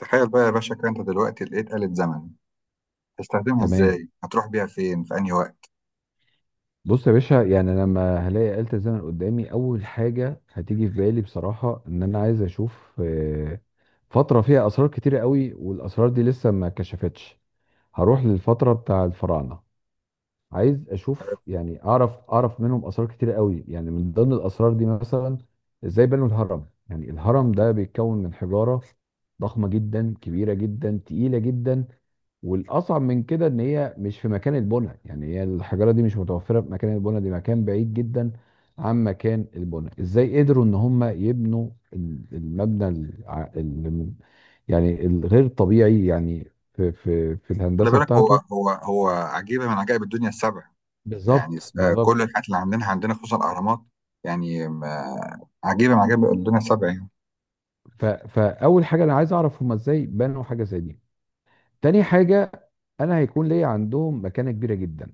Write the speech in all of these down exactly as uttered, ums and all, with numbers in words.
تخيل بقى يا باشا كده، انت دلوقتي لقيت آلة زمن. تستخدمها تمام. ازاي؟ هتروح بيها فين؟ في انهي وقت؟ بص يا باشا، يعني أنا لما هلاقي آلة الزمن قدامي أول حاجة هتيجي في بالي بصراحة إن أنا عايز أشوف، آه، فترة فيها أسرار كتيرة قوي، والأسرار دي لسه ما اتكشفتش. هروح للفترة بتاع الفراعنة. عايز أشوف، يعني أعرف أعرف منهم أسرار كتيرة قوي. يعني من ضمن الأسرار دي مثلا إزاي بنوا الهرم. يعني الهرم ده بيتكون من حجارة ضخمة جدا، كبيرة جدا، تقيلة جدا. والاصعب من كده ان هي مش في مكان البنى، يعني هي الحجاره دي مش متوفره في مكان البنى. دي مكان بعيد جدا عن مكان البنى. ازاي قدروا ان هم يبنوا ال- المبنى الع- ال- يعني الغير طبيعي، يعني في في في خلي الهندسه بالك، هو بتاعته. هو هو عجيبة من عجائب الدنيا السبع يعني. بالظبط س- آه، كل بالظبط. الحاجات اللي عندنا عندنا خصوصا الأهرامات يعني. م- آه، عجيبة من عجائب الدنيا السبع يعني. ف- فاول حاجه انا عايز اعرف هم ازاي بنوا حاجه زي دي. تاني حاجه، انا هيكون ليا عندهم مكانه كبيره جدا،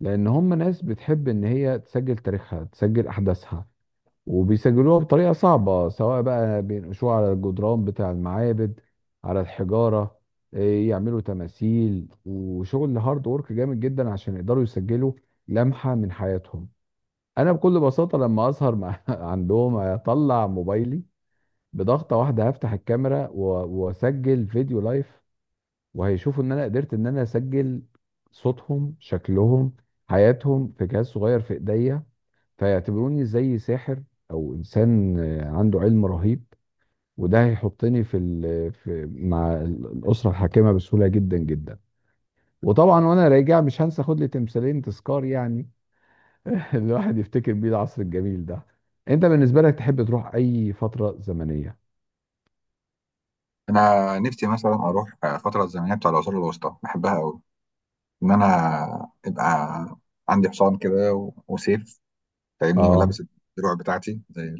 لان هم ناس بتحب ان هي تسجل تاريخها، تسجل احداثها، وبيسجلوها بطريقة صعبة. سواء بقى بينقشوها على الجدران بتاع المعابد، على الحجارة، إيه، يعملوا تماثيل وشغل هارد وورك جامد جدا عشان يقدروا يسجلوا لمحة من حياتهم. أنا بكل بساطة لما أسهر مع عندهم أطلع موبايلي، بضغطة واحدة هفتح الكاميرا و- وأسجل فيديو لايف، وهيشوفوا إن أنا قدرت إن أنا أسجل صوتهم، شكلهم، حياتهم في جهاز صغير في إيديا. فيعتبروني زي ساحر، او انسان آه، عنده علم رهيب. وده هيحطني في, ال... في مع ال- الاسره الحاكمه بسهوله جدا جدا. وطبعا وانا راجع مش هنسى خد لي تمثالين تذكار، يعني الواحد يفتكر بيه العصر الجميل ده. انت بالنسبه لك تحب تروح اي فتره زمنيه؟ أنا نفسي مثلا أروح آه، الفترة الزمنية بتاع العصور الوسطى، بحبها أوي. إن أنا يبقى عندي حصان كده و- وسيف، فاهمني، اه. ولابس الدروع بتاعتي زي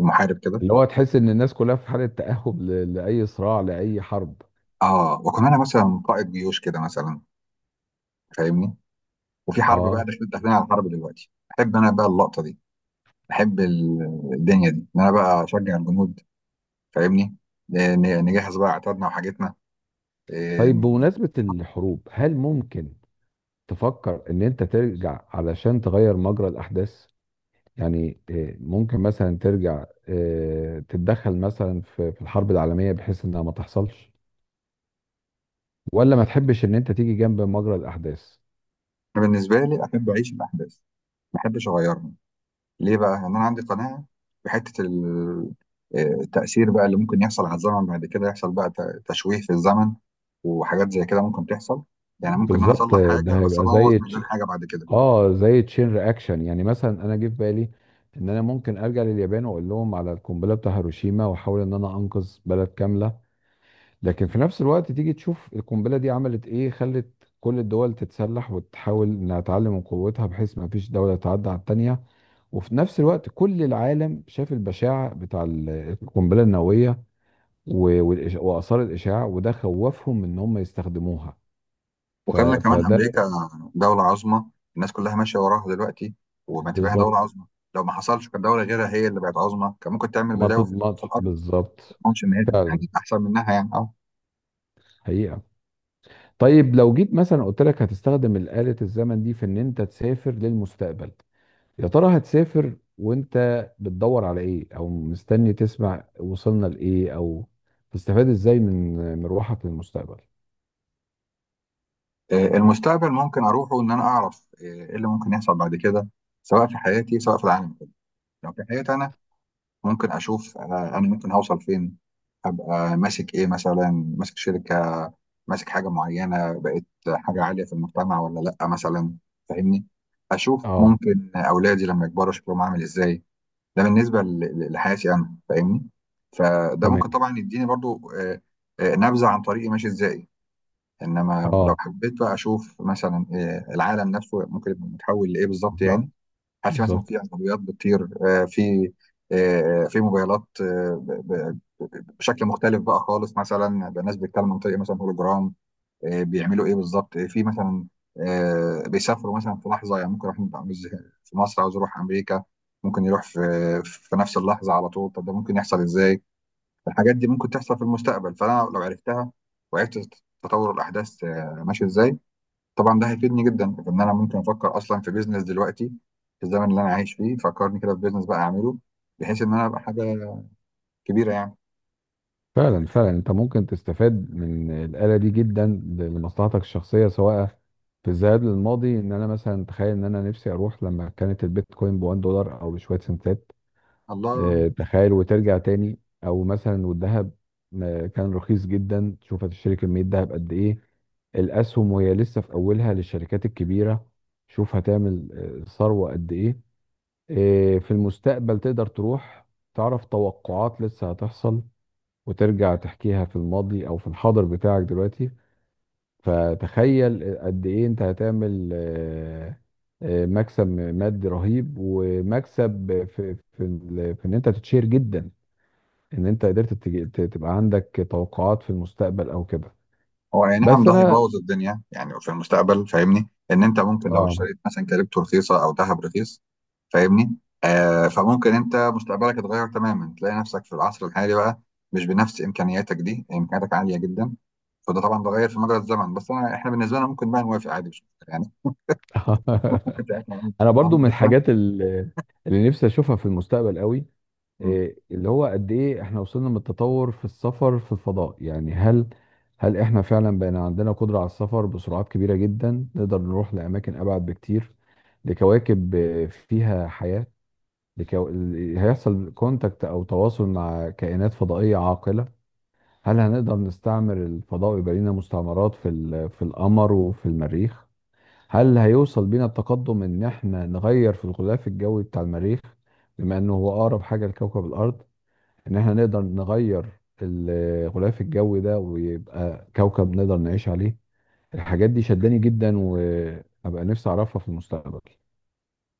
المحارب كده. اللي هو تحس ان الناس كلها في حاله تاهب ل... لاي صراع، لاي حرب. اه، وكمان انا مثلا قائد جيوش كده مثلا، فاهمني، وفي حرب بقى، اه. داخلين داخلين على حرب دلوقتي. احب انا بقى اللقطه دي، احب ال- الدنيا دي ان انا بقى اشجع الجنود، فاهمني. ن- نجهز بقى عتادنا وحاجتنا. إيه، طيب انا بمناسبه الحروب، هل ممكن تفكر ان انت ترجع علشان تغير مجرى الاحداث؟ يعني آه، ممكن مثلا ترجع، آه، تتدخل مثلا في في الحرب العالمية بحيث انها ما تحصلش، ولا ما تحبش ان انت تيجي جنب مجرى الاحداث؟ بالنسبه لي احب اعيش الاحداث، ما احبش اغيرها. ليه بقى؟ ان انا عندي قناعه بحته ال- إيه، التاثير بقى اللي ممكن يحصل على الزمن بعد كده، يحصل بقى ت- تشويه في الزمن، وحاجات زي كده ممكن تحصل. يعني ممكن ان انا بالظبط. اصلح آه، حاجه ده بس هيبقى ابوظ زي تش... مليون حاجه بعد كده. اه زي تشين رياكشن. يعني مثلا انا جه في بالي ان انا ممكن ارجع لليابان واقول لهم على القنبله بتاع هيروشيما، واحاول ان انا انقذ بلد كامله. لكن في نفس الوقت تيجي تشوف القنبله دي عملت ايه. خلت كل الدول تتسلح وتحاول انها تعلم من قوتها بحيث ما فيش دوله تعدى على التانيه. وفي نفس الوقت كل العالم شاف البشاعة بتاع ال- القنبلة النووية و- والإش- وآثار الإشعاع، وده خوفهم من إن هم يستخدموها. ف... وخلى كمان فده امريكا دولة عظمى، الناس كلها ماشية وراها دلوقتي، وما تبقاها دولة بالظبط. عظمى. لو ما حصلش كانت دولة غيرها هي اللي بقت عظمى، كان ممكن تعمل ما بلاوي في تضمنش في الأرض ما. بالظبط. أظنش إن هي تبقى فعلا. يعني أحسن منها يعني. أه. حقيقة. طيب لو جيت مثلا قلت لك هتستخدم آلة الزمن دي في إن أنت تسافر للمستقبل، يا ترى هتسافر وأنت بتدور على إيه؟ أو مستني تسمع وصلنا لإيه؟ أو تستفاد إزاي من مروحك للمستقبل؟ آه، المستقبل ممكن أروحه إن أنا أعرف آه، إيه اللي ممكن يحصل بعد كده، سواء في حياتي سواء في العالم كله. لو في حياتي أنا، ممكن اشوف انا انا ممكن هوصل فين. ابقى ماسك ايه؟ مثلا ماسك شركه، ماسك حاجه معينه، بقيت حاجه عاليه في المجتمع ولا لا مثلا، فاهمني. اشوف اه. ممكن اولادي لما يكبروا شكلهم عامل ازاي. ده بالنسبه ل- ل- لحياتي انا، فاهمني. فده ممكن تمام. طبعا يديني برضو. آه، آه، نبذه عن طريقي ماشي ازاي. انما لو اه. حبيت بقى اشوف مثلا آه، العالم نفسه ممكن يبقى متحول لايه بالظبط بالظبط يعني. هتلاقي مثلا بالظبط. في عربيات بتطير، آه، في آه، في موبايلات، آه، ب- ب- بشكل مختلف بقى خالص، مثلا يبقى الناس بتتكلم عن طريق مثلا هولوجرام. آه، بيعملوا ايه بالظبط، آه، في مثلا آه، بيسافروا مثلا في لحظه، يعني ممكن واحد عاوز، في مصر عاوز يروح امريكا، ممكن يروح في في نفس اللحظه على طول. طب ده ممكن يحصل ازاي؟ الحاجات دي ممكن تحصل في المستقبل، فانا لو عرفتها وعرفت تطور الاحداث آه، ماشي ازاي. طبعا ده هيفيدني جدا في ان انا ممكن افكر اصلا في بيزنس دلوقتي، في الزمن اللي انا عايش فيه. فكرني كده في بيزنس بقى اعمله، بحيث ان انا ابقى حاجه كبيره يعني. فعلا فعلا، انت ممكن تستفاد من الآلة دي جدا لمصلحتك الشخصية، سواء في الذهاب للماضي. ان انا مثلا تخيل ان انا نفسي اروح لما كانت البيتكوين ب واحد دولار او بشوية سنتات. الله. اه، تخيل وترجع تاني. او مثلا والذهب آه، كان رخيص جدا، تشوف هتشتري كمية ذهب قد ايه. الاسهم وهي لسه في اولها للشركات الكبيرة، شوف هتعمل آه، ثروة قد ايه. آه، في المستقبل تقدر تروح تعرف توقعات لسه هتحصل، وترجع تحكيها في الماضي او في الحاضر بتاعك دلوقتي. فتخيل قد ايه انت هتعمل، آه، آه، مكسب مادي رهيب، ومكسب في في ال- في ان انت تتشير جدا ان انت قدرت تج- ت- تبقى عندك توقعات في المستقبل او كده. هو اي نعم، بس ده انا هيبوظ الدنيا يعني في المستقبل، فاهمني، ان انت ممكن لو اه. اشتريت مثلا كريبتو رخيصه او ذهب رخيص. فاهمني. آه فممكن انت مستقبلك يتغير تماما، تلاقي نفسك في العصر الحالي بقى مش بنفس امكانياتك، دي امكانياتك عاليه جدا. فده طبعا ده غير في مجرى الزمن، بس أنا احنا بالنسبه لنا ممكن بقى نوافق عادي مش مشكله يعني. ممكن ساعتها نعمل انا برضو نعمل من الزمن. الحاجات ال- اللي نفسي اشوفها في المستقبل قوي، إيه اللي هو قد ايه احنا وصلنا من التطور في السفر في الفضاء. يعني هل هل احنا فعلا بقينا عندنا قدرة على السفر بسرعات كبيرة جدا، نقدر نروح لأماكن أبعد بكتير لكواكب آه، فيها حياة. لكو... ال- هيحصل كونتاكت أو تواصل مع كائنات فضائية عاقلة؟ هل هنقدر نستعمر الفضاء ويبقى لنا مستعمرات في ال... في القمر وفي المريخ؟ هل هيوصل بينا التقدم إن احنا نغير في الغلاف الجوي بتاع المريخ، بما إنه هو أقرب حاجة لكوكب الأرض؟ ان احنا نقدر نغير الغلاف الجوي ده ويبقى كوكب نقدر نعيش عليه. الحاجات دي شداني جدا، وابقى نفسي اعرفها في المستقبل.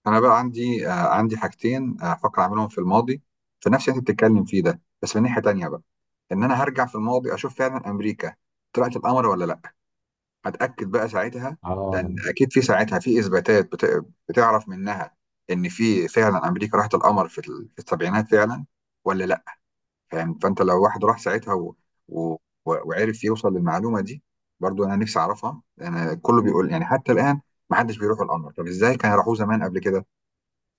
انا بقى عندي آه، عندي حاجتين، آه، هفكر اعملهم في الماضي، في نفس اللي انت بتتكلم فيه ده، بس من ناحيه تانيه بقى. ان انا هرجع في الماضي، اشوف فعلا امريكا طلعت القمر ولا لا. هتاكد بقى ساعتها، لان اه، اكيد في ساعتها في اثباتات بت... بتعرف منها ان في فعلا امريكا راحت القمر في, ال... في السبعينات فعلا، ولا لا. فاهم؟ فانت لو واحد راح ساعتها و... و... و- وعرف يوصل للمعلومه دي، برضو انا نفسي اعرفها. انا كله بيقول يعني حتى الان ما حدش بيروح القمر، طب ازاي كانوا راحوه زمان قبل كده؟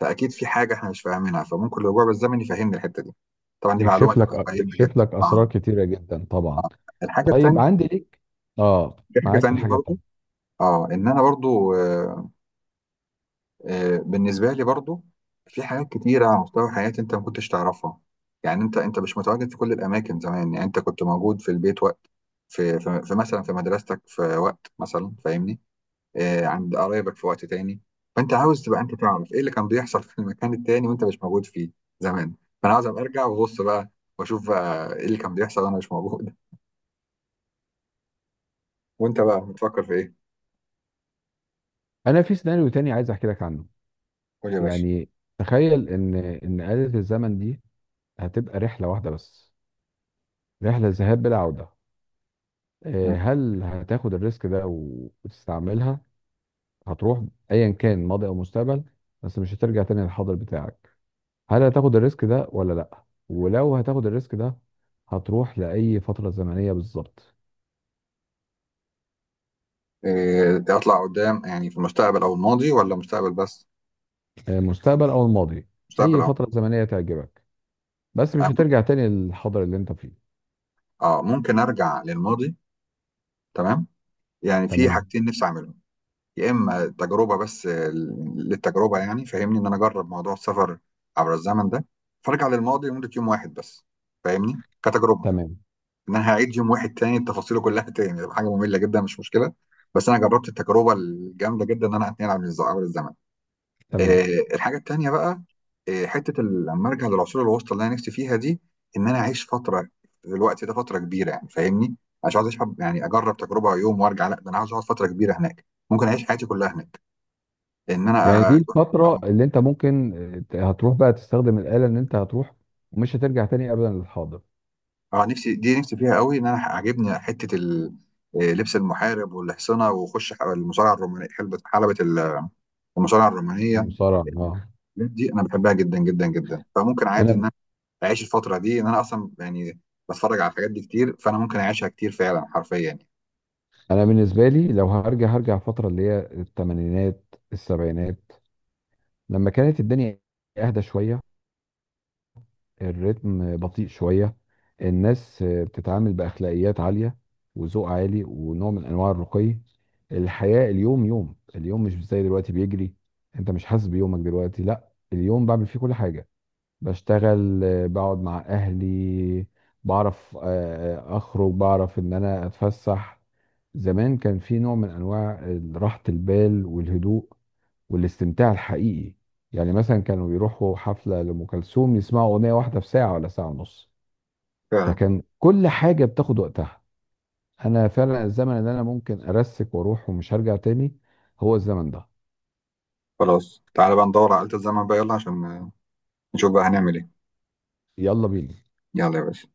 فاكيد في حاجه احنا مش فاهمينها، فممكن الرجوع بالزمن يفهمنا الحته دي. طبعا دي معلومه يكشف تبقى لك قيمه يكشف جدا. لك اسرار اه. كتيره جدا طبعا. الحاجه طيب التانيه. عندي ليك. اه في حاجه معاك في تانيه الحاجه برضو. التانيه. اه، ان انا برضو. آه آه بالنسبه لي برضو في حاجات كتيره على مستوى حياتي، انت ما كنتش تعرفها. يعني انت انت مش متواجد في كل الاماكن زمان، يعني انت كنت موجود في البيت وقت، في, في, في مثلا في مدرستك في وقت مثلا، فاهمني، آه، عند قرايبك في وقت تاني. فانت عاوز تبقى انت تعرف ايه اللي كان بيحصل في المكان التاني وانت مش موجود فيه زمان. فانا عاوز ابقى ارجع وابص بقى، واشوف بقى ايه اللي كان بيحصل وانا مش موجود. وانت بقى بتفكر في ايه؟ انا في سيناريو تاني عايز احكي لك عنه. قول يا باشا. يعني تخيل ان ان آلة الزمن دي هتبقى رحله واحده بس، رحله ذهاب بلا عوده. م. آه، هل هتاخد الريسك ده و- وتستعملها؟ هتروح ايا كان ماضي او مستقبل، بس مش هترجع تاني للحاضر بتاعك. هل هتاخد الريسك ده ولا لا؟ ولو هتاخد الريسك ده هتروح لاي فتره زمنيه بالظبط؟ إيه، اطلع قدام يعني في المستقبل او الماضي، ولا مستقبل بس؟ آه، مستقبل او الماضي. مستقبل اي او، فتره زمنيه تعجبك، بس مش هترجع تاني للحاضر اللي انت فيه. اه، ممكن ارجع للماضي. تمام. يعني في تمام حاجتين نفسي اعملهم. يا اما تجربه بس، للتجربه يعني، فاهمني، ان انا اجرب موضوع السفر عبر الزمن ده. فارجع للماضي لمده يوم واحد بس، فاهمني، كتجربه. تمام ان انا هعيد يوم واحد تاني، تفاصيله كلها تاني، تبقى حاجه ممله جدا، مش مشكله. بس انا جربت التجربه الجامده جدا، ان انا اتنقل عبر الز- عبر الزمن. تمام. آه، الحاجه التانيه بقى، آه، حته ال- لما ارجع للعصور الوسطى اللي انا نفسي فيها دي، ان انا اعيش فتره في الوقت ده، فتره كبيره يعني، فاهمني. مش عايز اشحب يعني اجرب تجربه يوم وارجع، لا ده انا عايز اقعد فتره كبيره هناك، ممكن اعيش حياتي كلها هناك. ان يعني انا. دي الفتره اه. اللي انت ممكن، آه، هتروح بقى تستخدم الاله، ان انت هتروح ومش هترجع تاني ابدا للحاضر. آه، نفسي دي، نفسي فيها قوي، ان انا عاجبني حته ال- آه، لبس المحارب والحصنه، واخش ح- المصارعه الرومانيه، حلبة حلبة ال- المصارعه الرومانيه. مصارعة، اه. الحاجات دي انا بحبها جدا جدا جدا، فممكن عادي ان انا انا اعيش الفتره دي، ان انا اصلا يعني بتفرج على الحاجات دي كتير، فانا ممكن اعيشها كتير فعلا حرفيا يعني. انا بالنسبه لي لو هرجع هرجع الفتره اللي هي الثمانينات السبعينات، لما كانت الدنيا اهدى شويه، الريتم بطيء شويه، الناس بتتعامل باخلاقيات عاليه وذوق عالي ونوع من انواع الرقي. الحياه اليوم يوم اليوم مش زي دلوقتي بيجري. انت مش حاسس بيومك دلوقتي، لا اليوم بعمل فيه كل حاجه، بشتغل، آه، بقعد مع اهلي، بعرف آه، آه، اخرج، بعرف ان انا اتفسح. زمان كان في نوع من انواع راحة البال والهدوء والاستمتاع الحقيقي. يعني مثلا كانوا بيروحوا حفلة لأم كلثوم يسمعوا أغنية واحدة في ساعة ولا ساعة ونص. فعلا، فكان كل حاجة بتاخد وقتها. أنا فعلا الزمن اللي أنا ممكن أرسك وأروح ومش هرجع تاني هو الزمن ده. خلاص تعالى بقى ندور على آلة الزمن بقى، يلا عشان نشوف بقى هنعمل ايه. يلا بينا. يلا يا باشا.